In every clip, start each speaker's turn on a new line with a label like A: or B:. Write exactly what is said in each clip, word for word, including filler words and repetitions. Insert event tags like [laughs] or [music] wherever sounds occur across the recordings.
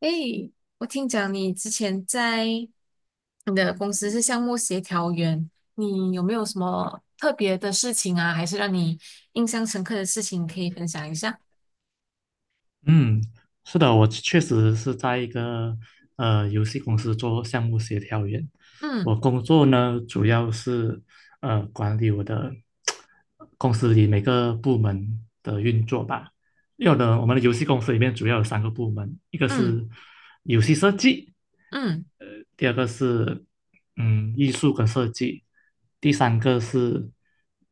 A: 诶，我听讲你之前在你的公司是项目协调员，你有没有什么特别的事情啊，还是让你印象深刻的事情可以分享一下？
B: 嗯，是的，我确实是在一个呃游戏公司做项目协调员。
A: 嗯
B: 我工作呢，主要是呃管理我的公司里每个部门的运作吧。有的，我们的游戏公司里面主要有三个部门，一个
A: 嗯
B: 是游戏设计，
A: 嗯
B: 第二个是嗯艺术跟设计，第三个是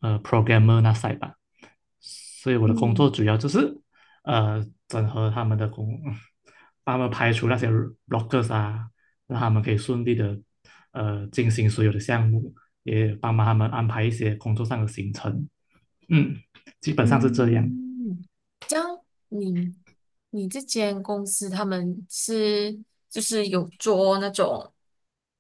B: 呃 programmer 那 side 吧。所以我的工作
A: 嗯
B: 主要就是呃整合他们的工，帮他们排除那些 r o c k e r s 啊，让他们可以顺利的呃进行所有的项目，也帮忙他们安排一些工作上的行程。嗯，基本上是这样。
A: 嗯，这样你你这间公司他们是就是有做那种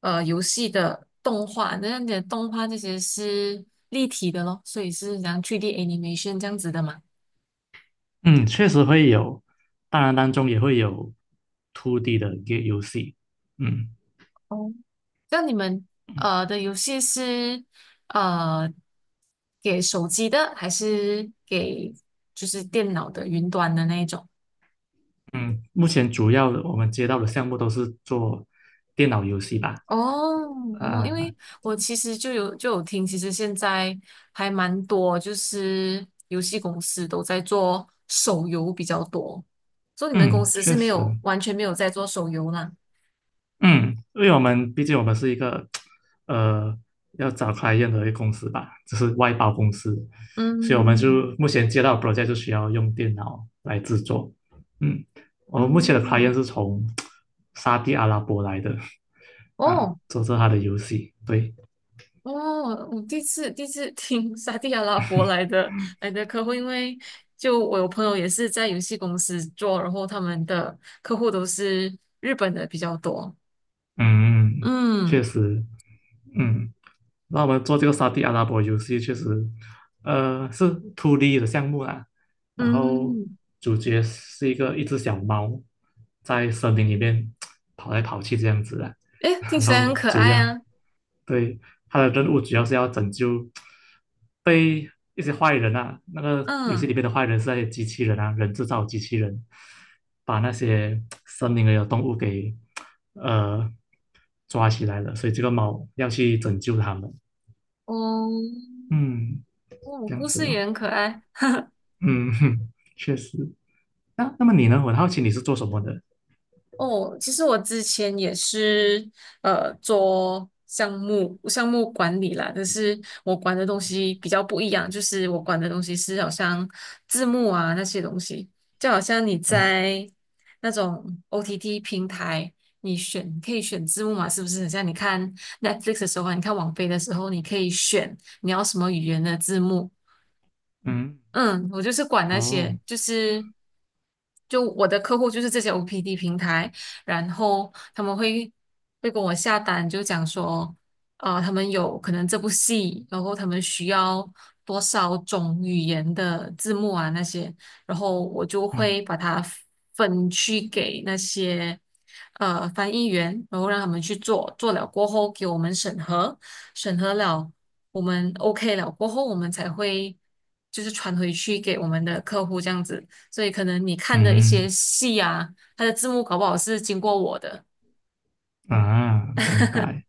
A: 呃游戏的动画，那你的动画这些是立体的咯，所以是像去 d animation 这样子的嘛？
B: 嗯，确实会有，当然当中也会有 two d 的 g a T E 游戏。嗯
A: 哦，那你们呃的游戏是呃给手机的，还是给就是电脑的云端的那一种？
B: 嗯，目前主要的我们接到的项目都是做电脑游戏吧。
A: 哦哦，
B: 啊、
A: 因为我其实就有就有听，其实现在还蛮多，就是游戏公司都在做手游比较多，所以你们公
B: 嗯，
A: 司是
B: 确
A: 没有
B: 实。
A: 完全没有在做手游啦。
B: 嗯，因为我们毕竟我们是一个 [tsk] 呃要找 client 的一个公司吧，就是外包公司，所以我们
A: 嗯
B: 就目前接到的 project 就需要用电脑来制作。嗯，我们目前的 client
A: 嗯，
B: 是从 [tsk] 沙地阿拉伯来的啊，
A: 哦，
B: 做着他的游戏。对，
A: 哦，我第一次第一次听 [laughs] 沙地阿拉伯来的来的客户，因为就我有朋友也是在游戏公司做，然后他们的客户都是日本的比较多。
B: 嗯，确
A: 嗯
B: 实，嗯。那我们做这个沙地阿拉伯游戏，确实，呃，是 two d 的项目啦。然后
A: 嗯，
B: 主角是一个一只小猫，在森林里面跑来跑去这样子啦。
A: 诶，听
B: 然
A: 起来很
B: 后
A: 可
B: 主
A: 爱
B: 要，
A: 啊。
B: 对，它的任务主要是要拯救被一些坏人啊，那个游戏
A: 嗯，
B: 里面的坏人是那些机器人啊，人制造机器人，把那些森林里的动物给呃抓起来了，所以这个猫要去拯救他们。
A: 哦，
B: 嗯，
A: 哦，
B: 这样
A: 故
B: 子
A: 事
B: 咯，
A: 也很可爱。
B: 嗯，哼，确实。那那么你呢？我很好奇你是做什么的？
A: 哦，其实我之前也是呃做项目项目管理啦，但是我管的东西比较不一样，就是我管的东西是好像字幕啊那些东西，就好像你
B: 嗯
A: 在那种 O T T 平台，你选可以选字幕嘛，是不是？很像你看 Netflix 的时候啊，你看网飞的时候，你可以选你要什么语言的字幕，
B: 嗯，
A: 嗯，我就是管那
B: 哦，
A: 些，就是就我的客户就是这些 O P D 平台，然后他们会会跟我下单，就讲说，呃，他们有可能这部戏，然后他们需要多少种语言的字幕啊那些，然后我就
B: 嗯
A: 会把它分区给那些呃翻译员，然后让他们去做，做了过后给我们审核，审核了。我们 OK 了过后，我们才会就是传回去给我们的客户这样子。所以可能你看的一
B: 嗯
A: 些戏啊，它的字幕搞不好是经过我的。
B: 啊，明
A: [laughs]
B: 白。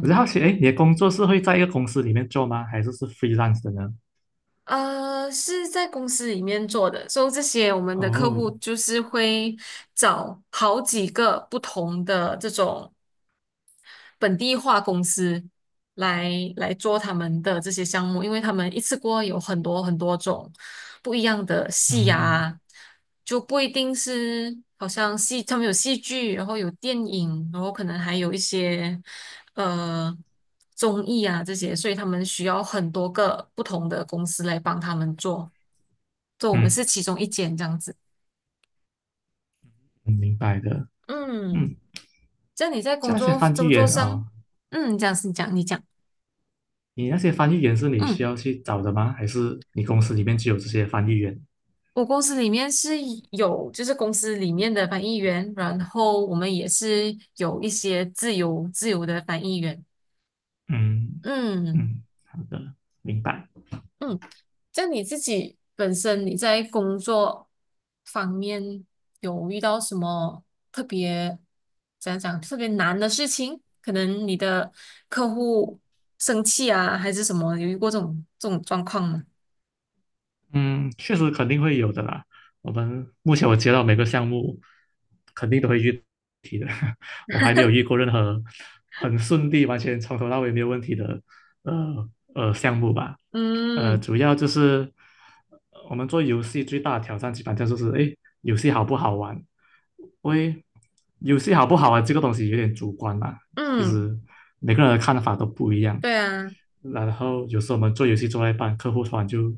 B: 我就好奇，哎，你的工作是会在一个公司里面做吗？还是是 freelance 的呢？
A: 呃，是在公司里面做的，所以这些我们的客
B: 哦，
A: 户就是会找好几个不同的这种。本地化公司来来做他们的这些项目，因为他们一次过有很多很多种不一样的戏
B: 嗯
A: 啊，就不一定是好像戏，他们有戏剧，然后有电影，然后可能还有一些呃综艺啊这些，所以他们需要很多个不同的公司来帮他们做，所以我们
B: 嗯，
A: 是其中一间这样子。
B: 嗯明白的。
A: 嗯，
B: 嗯，
A: 这样你在
B: 像
A: 工
B: 那些
A: 作
B: 翻译
A: 工作
B: 员
A: 上，
B: 哦，
A: 嗯，这样是你讲你讲，
B: 你那些翻译员是你需
A: 嗯。
B: 要去找的吗？还是你公司里面就有这些翻译员？
A: 我公司里面是有，就是公司里面的翻译员，然后我们也是有一些自由自由的翻译员。
B: 嗯
A: 嗯
B: 嗯，好的，明白。
A: 嗯，像你自己本身你在工作方面有遇到什么特别，怎样讲，特别难的事情？可能你的客户生气啊，还是什么？有遇过这种这种状况吗？
B: 嗯，确实肯定会有的啦。我们目前我接到每个项目，肯定都会遇题的。[laughs] 我还没有遇过任何很顺利、完全从头到尾没有问题的呃呃项目吧。呃，
A: 嗯
B: 主要就是呃我们做游戏最大的挑战，基本上就是诶，游戏好不好玩？因为游戏好不好玩这个东西有点主观啦，其
A: 嗯，
B: 实每个人的看法都不一样。
A: 对啊，
B: 然后有时候我们做游戏做到一半，客户突然就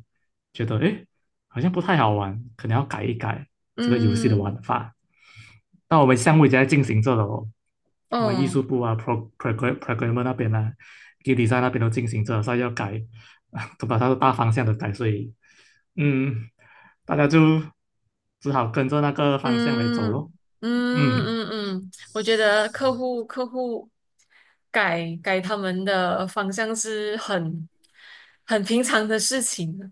B: 觉得，哎，好像不太好玩，可能要改一改这个游戏的
A: 嗯。
B: 玩法。那我们项目已经在进行着了哦，我们艺
A: 哦，
B: 术部啊，pro program programmer 那边啊 g a m design 那边都进行着了，所以要改，[laughs] 都把它的大方向的改，所以，嗯，大家就只好跟着那个方向来走
A: 嗯
B: 咯。
A: 嗯
B: 嗯，
A: 嗯嗯，我觉得客户客户改改他们的方向是很很平常的事情的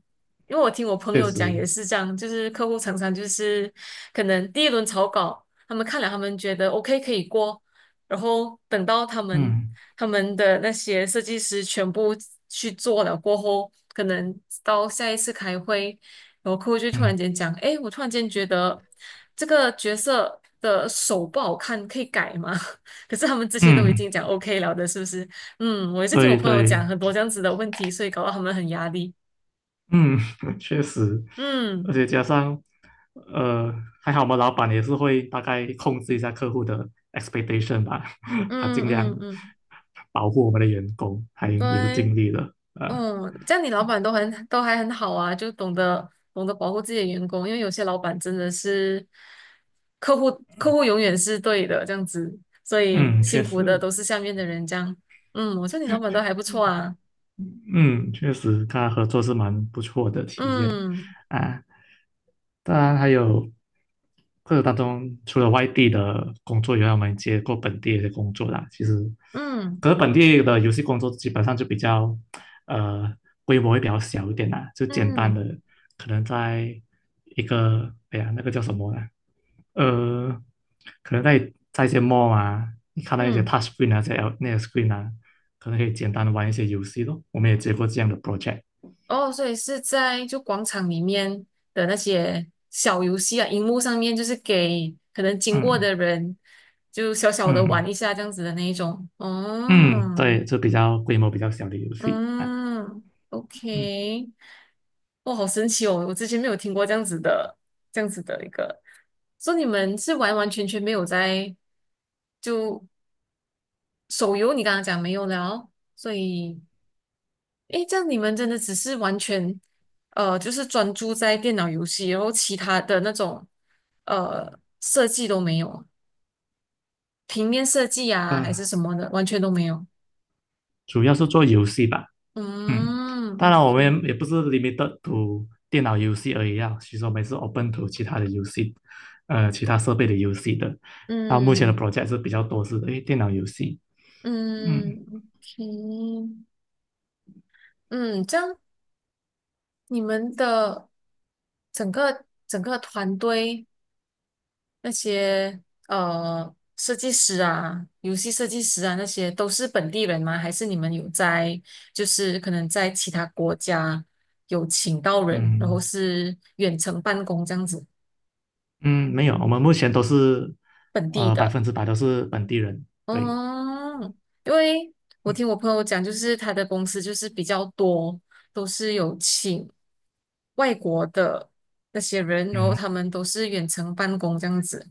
A: 因为我听我朋
B: 确
A: 友讲
B: 实，
A: 也是这样，就是客户常常就是可能第一轮草稿，他们看了他们觉得 OK 可以过，然后等到他们
B: 嗯
A: 他们的那些设计师全部去做了过后，可能到下一次开会。然后客户就突
B: 嗯
A: 然间讲，哎，我突然间觉得这个角色的手不好看，可以改吗？[laughs] 可是他们之前都已
B: 嗯，
A: 经讲 OK 了的，是不是？嗯，我也是听我
B: 对
A: 朋友讲
B: 对。
A: 很多这样子的问题，所以搞到他们很压力。
B: 嗯，[laughs] 确实，而
A: 嗯
B: 且加上，呃，还好我们老板也是会大概控制一下客户的 expectation 吧，[laughs] 他
A: 嗯
B: 尽量
A: 嗯嗯，
B: 保护我们的员工，还也是
A: 对。
B: 尽力了啊。
A: 嗯，这样你老板都很都还很好啊，就懂得懂得保护自己的员工，因为有些老板真的是客户客户永远是对的这样子，所以
B: 嗯，确
A: 辛苦的
B: 实，
A: 都是下面的人这样。嗯，我说你老板都还不错啊。
B: 嗯，确实，跟他合作是蛮不错的体验
A: 嗯
B: 啊。当然，还有过程当中，除了外地的工作以外，我们接过本地的工作啦。其实，
A: 嗯
B: 可是本地的游戏工作基本上就比较，呃，规模会比较小一点啦，就简单
A: 嗯
B: 的，可能在一个，哎呀，那个叫什么呢？呃，可能在在一些 mall 啊，你看到一些
A: 嗯，
B: touch screen 啊，这些 L- 那些 screen 啊，可能可以简单的玩一些游戏咯。我们也接过这样的 project，
A: 哦，所以是在就广场里面的那些小游戏啊，荧幕上面就是给可能经过
B: 嗯
A: 的人就小小的玩
B: 嗯
A: 一下这样子的那一种。
B: 嗯，
A: 哦。
B: 对，就比较规模比较小的游戏啊，
A: 嗯
B: 嗯
A: ，OK，哇，好神奇哦！我之前没有听过这样子的，这样子的一个，说你们是完完全全没有在就手游，你刚刚讲没有了，所以，诶，这样你们真的只是完全，呃，就是专注在电脑游戏，然后其他的那种呃设计都没有，平面设计啊还
B: 呃，
A: 是什么的，完全都没有。
B: 主要是做游戏吧，嗯，
A: 嗯
B: 当然我
A: ，OK，
B: 们也不是 limited to 电脑游戏而已啊，其实我们也是 open to 其他的游戏，呃，其他设备的游戏的。到目前的
A: 嗯
B: project 是比较多是诶电脑游戏，嗯
A: 嗯，OK。嗯，这样你们的整个整个团队那些呃设计师啊、游戏设计师啊那些都是本地人吗？还是你们有在就是可能在其他国家有请到人，然后
B: 嗯。
A: 是远程办公这样子
B: 嗯，没有，我们目前都是
A: 本地
B: 呃百
A: 的？
B: 分之百都是本地人。对，
A: 嗯，因为我听我朋友讲，就是他的公司就是比较多，都是有请外国的那些人，然后
B: 嗯，
A: 他们都是远程办公这样子。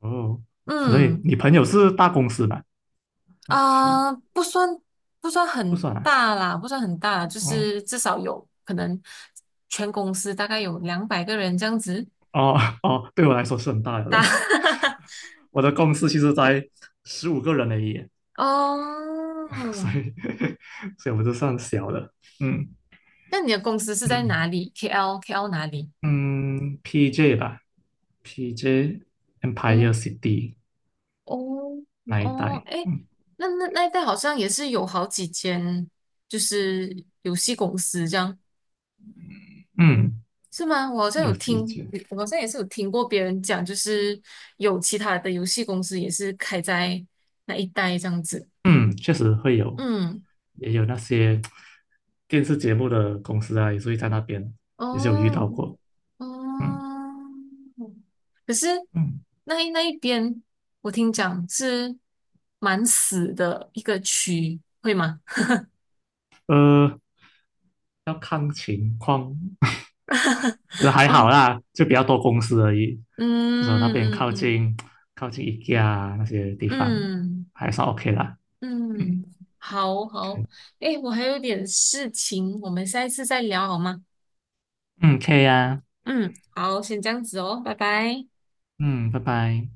B: 哦，可能你
A: 嗯，
B: 你朋友是大公司吧？好奇
A: 啊、不算不算
B: 不
A: 很
B: 算啊。
A: 大啦，不算很大啦就是
B: 哦
A: 至少有可能全公司大概有两百个人这样子
B: 哦哦，对我来说是很大的咯。
A: 大。[laughs]
B: [laughs] 我的公司其实才十五个人而已，
A: 哦，
B: [laughs] 所以 [laughs] 所以我就算小的。嗯
A: 那你的公司是在哪
B: 嗯
A: 里？K L K L 哪里？
B: 嗯，P J 吧，P J Empire
A: 哦
B: City
A: 哦
B: 那一
A: 哦，
B: 带。
A: 哎，
B: 嗯
A: 那那那一带好像也是有好几间，就是游戏公司这样，
B: 嗯，
A: 是吗？我好像有
B: 有几
A: 听，
B: 间。
A: 我好像也是有听过别人讲，就是有其他的游戏公司也是开在那一带这样子。
B: 嗯，确实会有，
A: 嗯，
B: 也有那些电视节目的公司啊，也是会在那边，也是有遇到
A: 哦
B: 过。嗯
A: 哦，可是
B: 嗯，
A: 那一那一边我听讲是蛮死的一个区，会吗？
B: 呃，要看情况，
A: [laughs]
B: [laughs] 觉得还好
A: 嗯
B: 啦，就比较多公司而已。至少那
A: 嗯
B: 边
A: 嗯
B: 靠
A: 嗯。
B: 近靠近 i k 那些地方，
A: 嗯
B: 还算 OK 啦。嗯
A: 嗯，好好，诶，我还有点事情，我们下一次再聊好吗？
B: 嗯，可以啊。
A: 嗯，好，先这样子哦，拜拜。
B: 嗯，拜拜。